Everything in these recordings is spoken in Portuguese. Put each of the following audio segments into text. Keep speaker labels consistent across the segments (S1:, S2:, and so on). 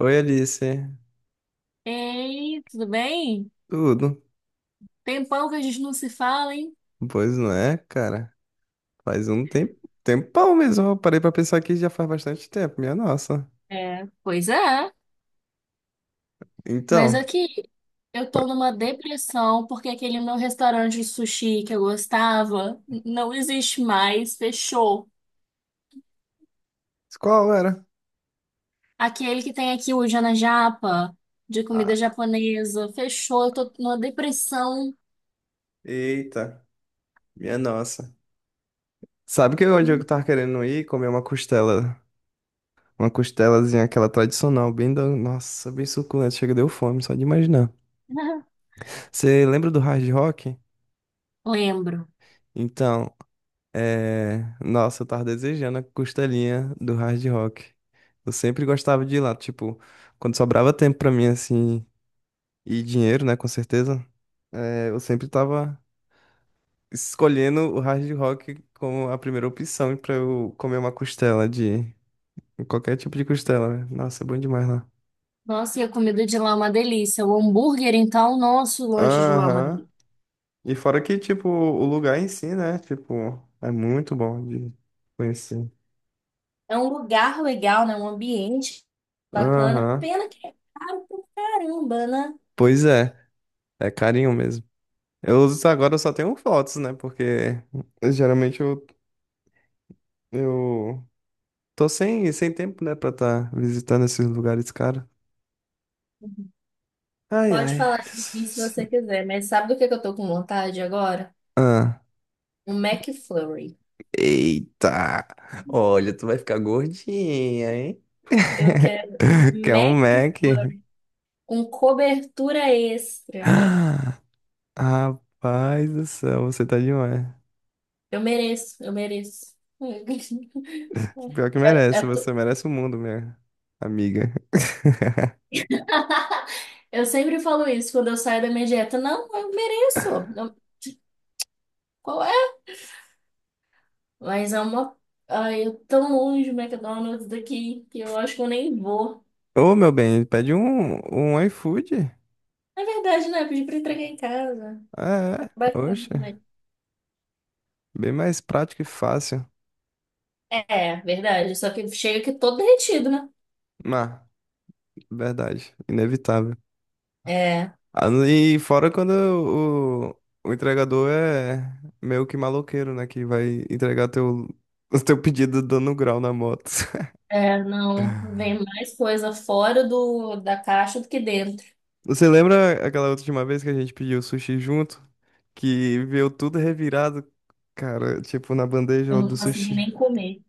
S1: Oi, Alice.
S2: Ei, tudo bem?
S1: Tudo?
S2: Tempão que a gente não se fala, hein?
S1: Pois não é, cara. Faz um tempo, tempão mesmo. Eu parei pra pensar que já faz bastante tempo, minha nossa.
S2: É, pois é, mas
S1: Então,
S2: aqui eu tô
S1: qual
S2: numa depressão porque aquele meu restaurante de sushi que eu gostava não existe mais, fechou.
S1: qual era?
S2: Aquele que tem aqui o Jana Japa, de comida
S1: Ah,
S2: japonesa, fechou. Eu tô numa depressão.
S1: eita, minha nossa. Sabe que onde eu tava querendo ir comer uma costela, uma costelazinha aquela tradicional, bem da, nossa, bem suculenta, chega deu fome só de imaginar. Você lembra do Hard Rock?
S2: Lembro.
S1: Então, é, nossa, eu tava desejando a costelinha do Hard Rock. Eu sempre gostava de ir lá, tipo, quando sobrava tempo pra mim, assim, e dinheiro, né, com certeza, é, eu sempre tava escolhendo o Hard Rock como a primeira opção pra eu comer uma costela de qualquer tipo de costela, né? Nossa, é bom demais lá.
S2: Nossa, e a comida de lá é uma delícia. O hambúrguer, então, nosso lanche de lá é uma
S1: Aham.
S2: delícia.
S1: E fora que, tipo, o lugar em si, né, tipo, é muito bom de conhecer.
S2: É um lugar legal, né? Um ambiente bacana.
S1: Aham.
S2: Pena que é caro pra caramba, né?
S1: Pois é, é carinho mesmo. Eu uso agora, eu só tenho fotos, né? Porque geralmente eu tô sem tempo, né, pra estar visitando esses lugares, cara. Ai,
S2: Pode
S1: ai.
S2: falar de mim se você quiser, mas sabe do que eu tô com vontade agora?
S1: Ah.
S2: Um McFlurry.
S1: Eita! Olha, tu vai ficar gordinha, hein?
S2: Eu quero um
S1: Quer um Mac?
S2: McFlurry com cobertura extra.
S1: Ah, rapaz do céu, você tá demais.
S2: Eu mereço, eu mereço.
S1: Pior que
S2: Eu,
S1: merece,
S2: eu tô-
S1: você merece o mundo, minha amiga.
S2: eu sempre falo isso quando eu saio da minha dieta. Não, eu mereço. Não, qual é. Mas é uma. Ai, eu tão longe do McDonald's daqui que eu acho que eu nem vou.
S1: Ô, meu bem, pede um iFood.
S2: É verdade, né? Pedi pra entregar em casa. É
S1: Ah, é,
S2: bacana
S1: oxe.
S2: também.
S1: Bem mais prático e fácil.
S2: É, verdade. Só que chega aqui todo derretido, né?
S1: Mas, verdade, inevitável.
S2: É,
S1: Ah, e fora quando o entregador é meio que maloqueiro, né? Que vai entregar teu, o teu pedido dando grau na moto.
S2: é, não. Vem mais coisa fora da caixa do que dentro.
S1: Você lembra aquela última vez que a gente pediu sushi junto? Que veio tudo revirado, cara, tipo, na
S2: Eu
S1: bandeja do
S2: não consegui
S1: sushi.
S2: nem comer.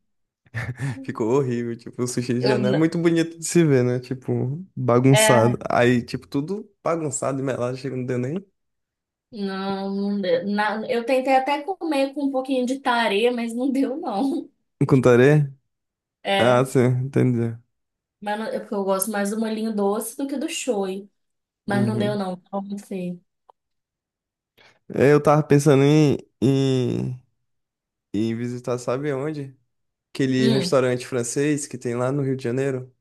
S1: Ficou horrível, tipo, o sushi
S2: Eu,
S1: já não é
S2: n-
S1: muito bonito de se ver, né? Tipo,
S2: é,
S1: bagunçado. Aí, tipo, tudo bagunçado e melado, chega não deu nem.
S2: não, deu. Na, eu tentei até comer com um pouquinho de tarê, mas não deu, não.
S1: Um contaré? Ah,
S2: É,
S1: sim, entendi.
S2: mas é porque eu gosto mais do molhinho doce do que do show. Mas não deu,
S1: Uhum.
S2: não. Qual vai ser?
S1: É, eu tava pensando em visitar, sabe onde? Aquele
S2: Hum.
S1: restaurante francês que tem lá no Rio de Janeiro.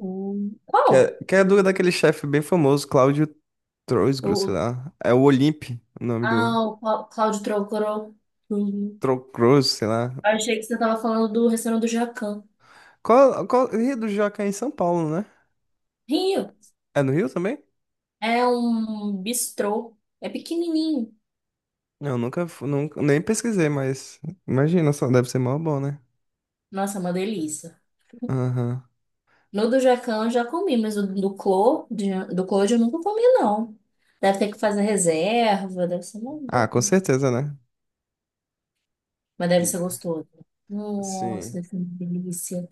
S1: Que
S2: Qual?
S1: é, que é do, daquele chefe bem famoso, Cláudio
S2: O,
S1: Troisgros, sei
S2: o-
S1: lá. É o Olympe, o nome do
S2: Cláudio Trocoró. Uhum.
S1: Trocros, sei lá.
S2: Eu achei que você tava falando do restaurante do Jacan.
S1: Qual, Rio do Jaca é em São Paulo, né?
S2: Rio.
S1: É no Rio também?
S2: É um bistrô. É pequenininho.
S1: Não, nunca, nunca, nem pesquisei, mas imagina, só deve ser mó bom, né?
S2: Nossa, é uma delícia.
S1: Aham.
S2: No do Jacan eu já comi, mas o do Clô, do Clô eu nunca comi, não. Deve ter que fazer reserva, deve ser uma
S1: Ah, com
S2: doideira.
S1: certeza, né?
S2: Mas deve ser
S1: E-
S2: gostoso. Nossa,
S1: sim.
S2: deve ser uma delícia.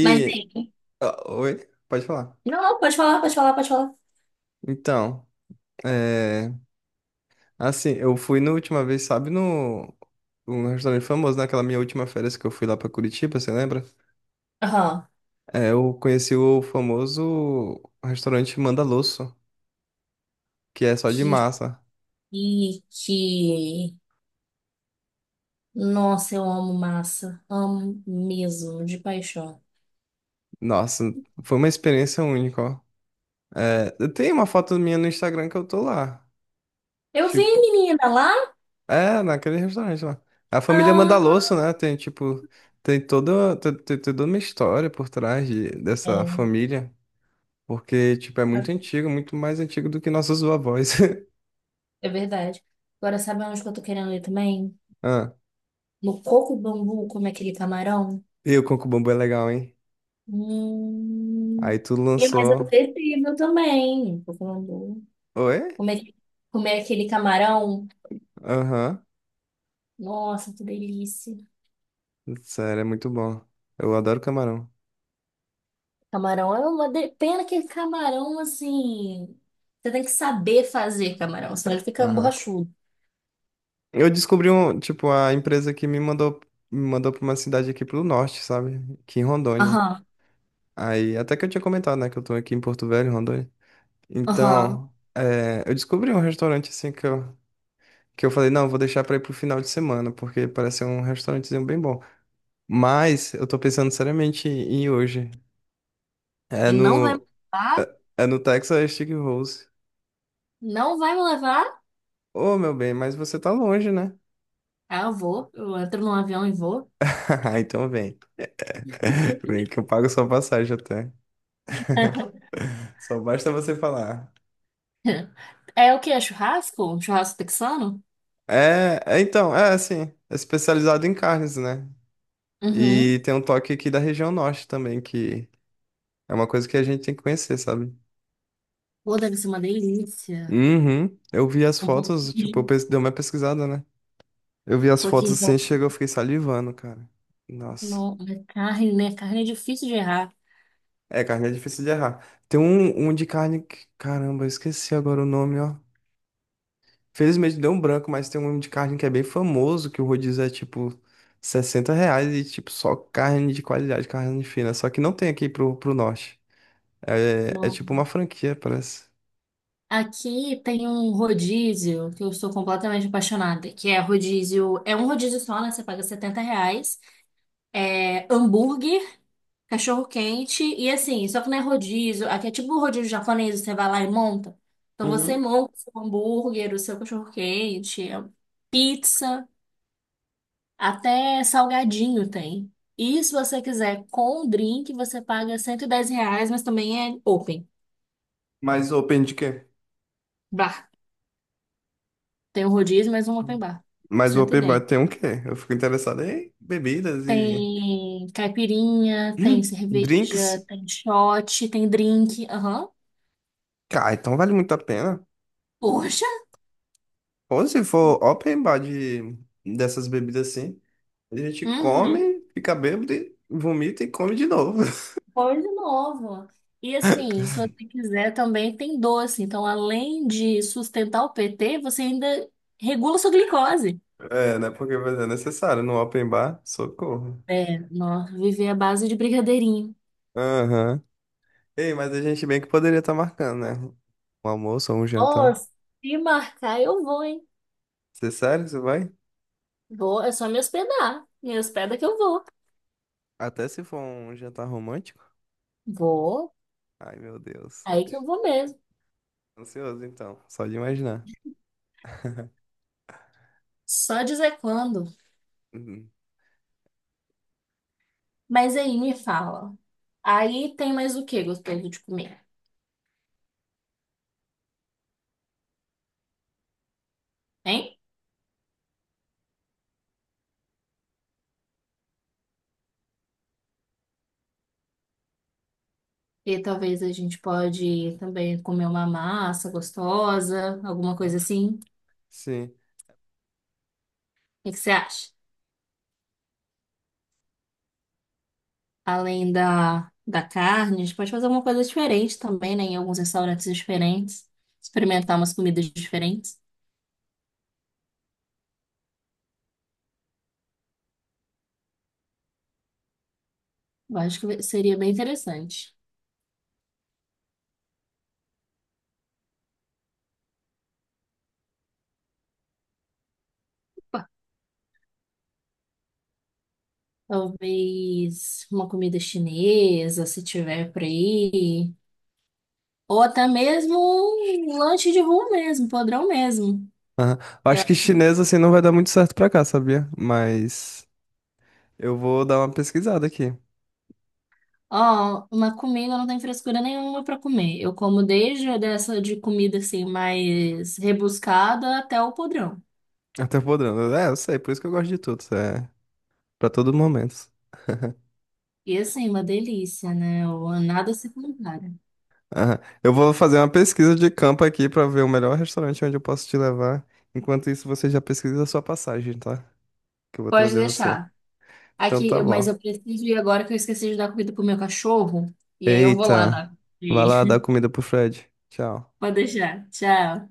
S2: Mas aí.
S1: Ah, oi, pode falar.
S2: Não, não, pode falar, pode falar, pode falar.
S1: Então, é, assim, eu fui na última vez, sabe, no um restaurante famoso, naquela minha última férias que eu fui lá pra Curitiba, você lembra?
S2: Aham.
S1: É, eu conheci o famoso restaurante Mandaloso, que é só de massa.
S2: E que, nossa, eu amo massa, amo mesmo, de paixão.
S1: Nossa, foi uma experiência única, ó. É, eu tenho uma foto minha no Instagram que eu tô lá.
S2: Eu vi,
S1: Tipo,
S2: menina, lá.
S1: é, naquele restaurante lá. A família
S2: Ah,
S1: Mandaloso, né? Tem, tipo, tem toda uma história por trás dessa
S2: é,
S1: família. Porque, tipo, é muito antigo, muito mais antigo do que nossos vovós.
S2: é verdade. Agora sabe onde que eu tô querendo ir também?
S1: Ah,
S2: No coco bambu, como é aquele camarão?
S1: e o Coco Bambu é legal, hein?
S2: Hum.
S1: Aí tu
S2: E mais
S1: lançou.
S2: acessível também, coco bambu.
S1: Oi?
S2: Comer, comer aquele camarão.
S1: Aham.
S2: Nossa, que delícia.
S1: Sério, é muito bom. Eu adoro camarão.
S2: Camarão é uma de- pena que camarão assim, você tem que saber fazer camarão, senão ele fica
S1: Aham.
S2: borrachudo.
S1: Eu descobri um, tipo, a empresa que me mandou pra uma cidade aqui pro norte, sabe? Aqui em Rondônia.
S2: Aham,
S1: Aí, até que eu tinha comentado, né, que eu tô aqui em Porto Velho, Rondônia.
S2: aham.
S1: Então, é, eu descobri um restaurante assim que eu falei, não, eu vou deixar pra ir pro final de semana, porque parece ser um restaurantezinho bem bom. Mas eu tô pensando seriamente em ir hoje. É
S2: E não vai me
S1: no,
S2: levar,
S1: é no Texas Stick Rose.
S2: não vai me levar.
S1: Ô, meu bem, mas você tá longe, né?
S2: Ah, eu vou, eu entro num avião e vou.
S1: Então vem. Vem que eu pago sua passagem até. Só basta você falar.
S2: É o quê? É churrasco? Um churrasco texano?
S1: É assim, é especializado em carnes, né?
S2: Uhum.
S1: E tem um toque aqui da região norte também, que é uma coisa que a gente tem que conhecer, sabe?
S2: Pô, deve ser uma delícia.
S1: Uhum. Eu vi as fotos, tipo,
S2: Um
S1: dei uma pesquisada, né? Eu vi as fotos
S2: pouquinho de
S1: assim, chegou, eu fiquei salivando, cara. Nossa.
S2: no, na carne, né? Carne é difícil de errar.
S1: É, carne é difícil de errar. Tem um de carne que, caramba, eu esqueci agora o nome, ó. Felizmente deu um branco, mas tem um de carne que é bem famoso, que o rodízio é tipo R$ 60 e tipo só carne de qualidade, carne fina. Só que não tem aqui pro norte. É, é
S2: Não.
S1: tipo uma franquia, parece.
S2: Aqui tem um rodízio que eu sou completamente apaixonada, que é rodízio, é um rodízio só, né? Você paga 70 reais. É hambúrguer, cachorro quente e assim, só que não é rodízio. Aqui é tipo o rodízio japonês, você vai lá e monta. Então você
S1: Uhum.
S2: monta o seu hambúrguer, o seu cachorro quente, é pizza, até salgadinho tem. E se você quiser com o drink, você paga 110 reais, mas também é open
S1: Mas open de quê?
S2: bar. Tem o rodízio, mas um open bar, por
S1: Mas o
S2: cento e
S1: open bar
S2: dez
S1: tem um quê? Eu fico interessado em bebidas e
S2: Tem caipirinha, tem
S1: hum,
S2: cerveja,
S1: drinks.
S2: tem shot, tem drink. Aham.
S1: Cara, então vale muito a pena.
S2: Poxa!
S1: Ou se for open bar de, dessas bebidas assim, a gente
S2: Uhum.
S1: come, fica bêbado, e vomita e come de novo.
S2: Coisa nova. E assim, se você quiser também tem doce. Então, além de sustentar o PT, você ainda regula sua glicose.
S1: É, né? Porque mas é necessário no open bar, socorro.
S2: É, nós viver à base de brigadeirinho.
S1: Aham. Ei, mas a gente bem que poderia estar marcando, né? Um almoço ou um jantar.
S2: Nossa, se marcar eu vou, hein?
S1: Você é sério, você vai?
S2: Vou, é só me hospedar. Me hospeda que eu vou.
S1: Até se for um jantar romântico?
S2: Vou,
S1: Ai, meu Deus.
S2: aí que eu vou mesmo.
S1: Ansioso, então. Só de imaginar.
S2: Só dizer quando.
S1: Uhum.
S2: Mas aí me fala. Aí tem mais o que gostoso de comer, hein? E talvez a gente pode também comer uma massa gostosa, alguma coisa
S1: Ah,
S2: assim. O
S1: sim.
S2: que que você acha? Além da carne, a gente pode fazer alguma coisa diferente também, né? Em alguns restaurantes diferentes. Experimentar umas comidas diferentes. Eu acho que seria bem interessante. Opa, talvez uma comida chinesa, se tiver por aí. Ou até mesmo um lanche de rua mesmo, podrão mesmo.
S1: Aham. Acho que chinês, assim, não vai dar muito certo pra cá, sabia? Mas eu vou dar uma pesquisada aqui.
S2: Ó, uma comida eu não tem frescura nenhuma pra comer. Eu como desde dessa de comida assim mais rebuscada até o podrão.
S1: Até podendo. É, eu sei, por isso que eu gosto de tudo. Isso é, para todo momento.
S2: E assim, uma delícia, né? O- nada se compara.
S1: Aham. Eu vou fazer uma pesquisa de campo aqui pra ver o melhor restaurante onde eu posso te levar. Enquanto isso, você já pesquisa a sua passagem, tá? Que eu vou
S2: Pode
S1: trazer você.
S2: deixar.
S1: Então
S2: Aqui,
S1: tá bom.
S2: mas eu preciso ir agora que eu esqueci de dar comida pro meu cachorro. E aí eu vou lá dar
S1: Eita.
S2: comida pra
S1: Vai lá
S2: ele.
S1: dar comida pro Fred. Tchau.
S2: Pode deixar. Tchau.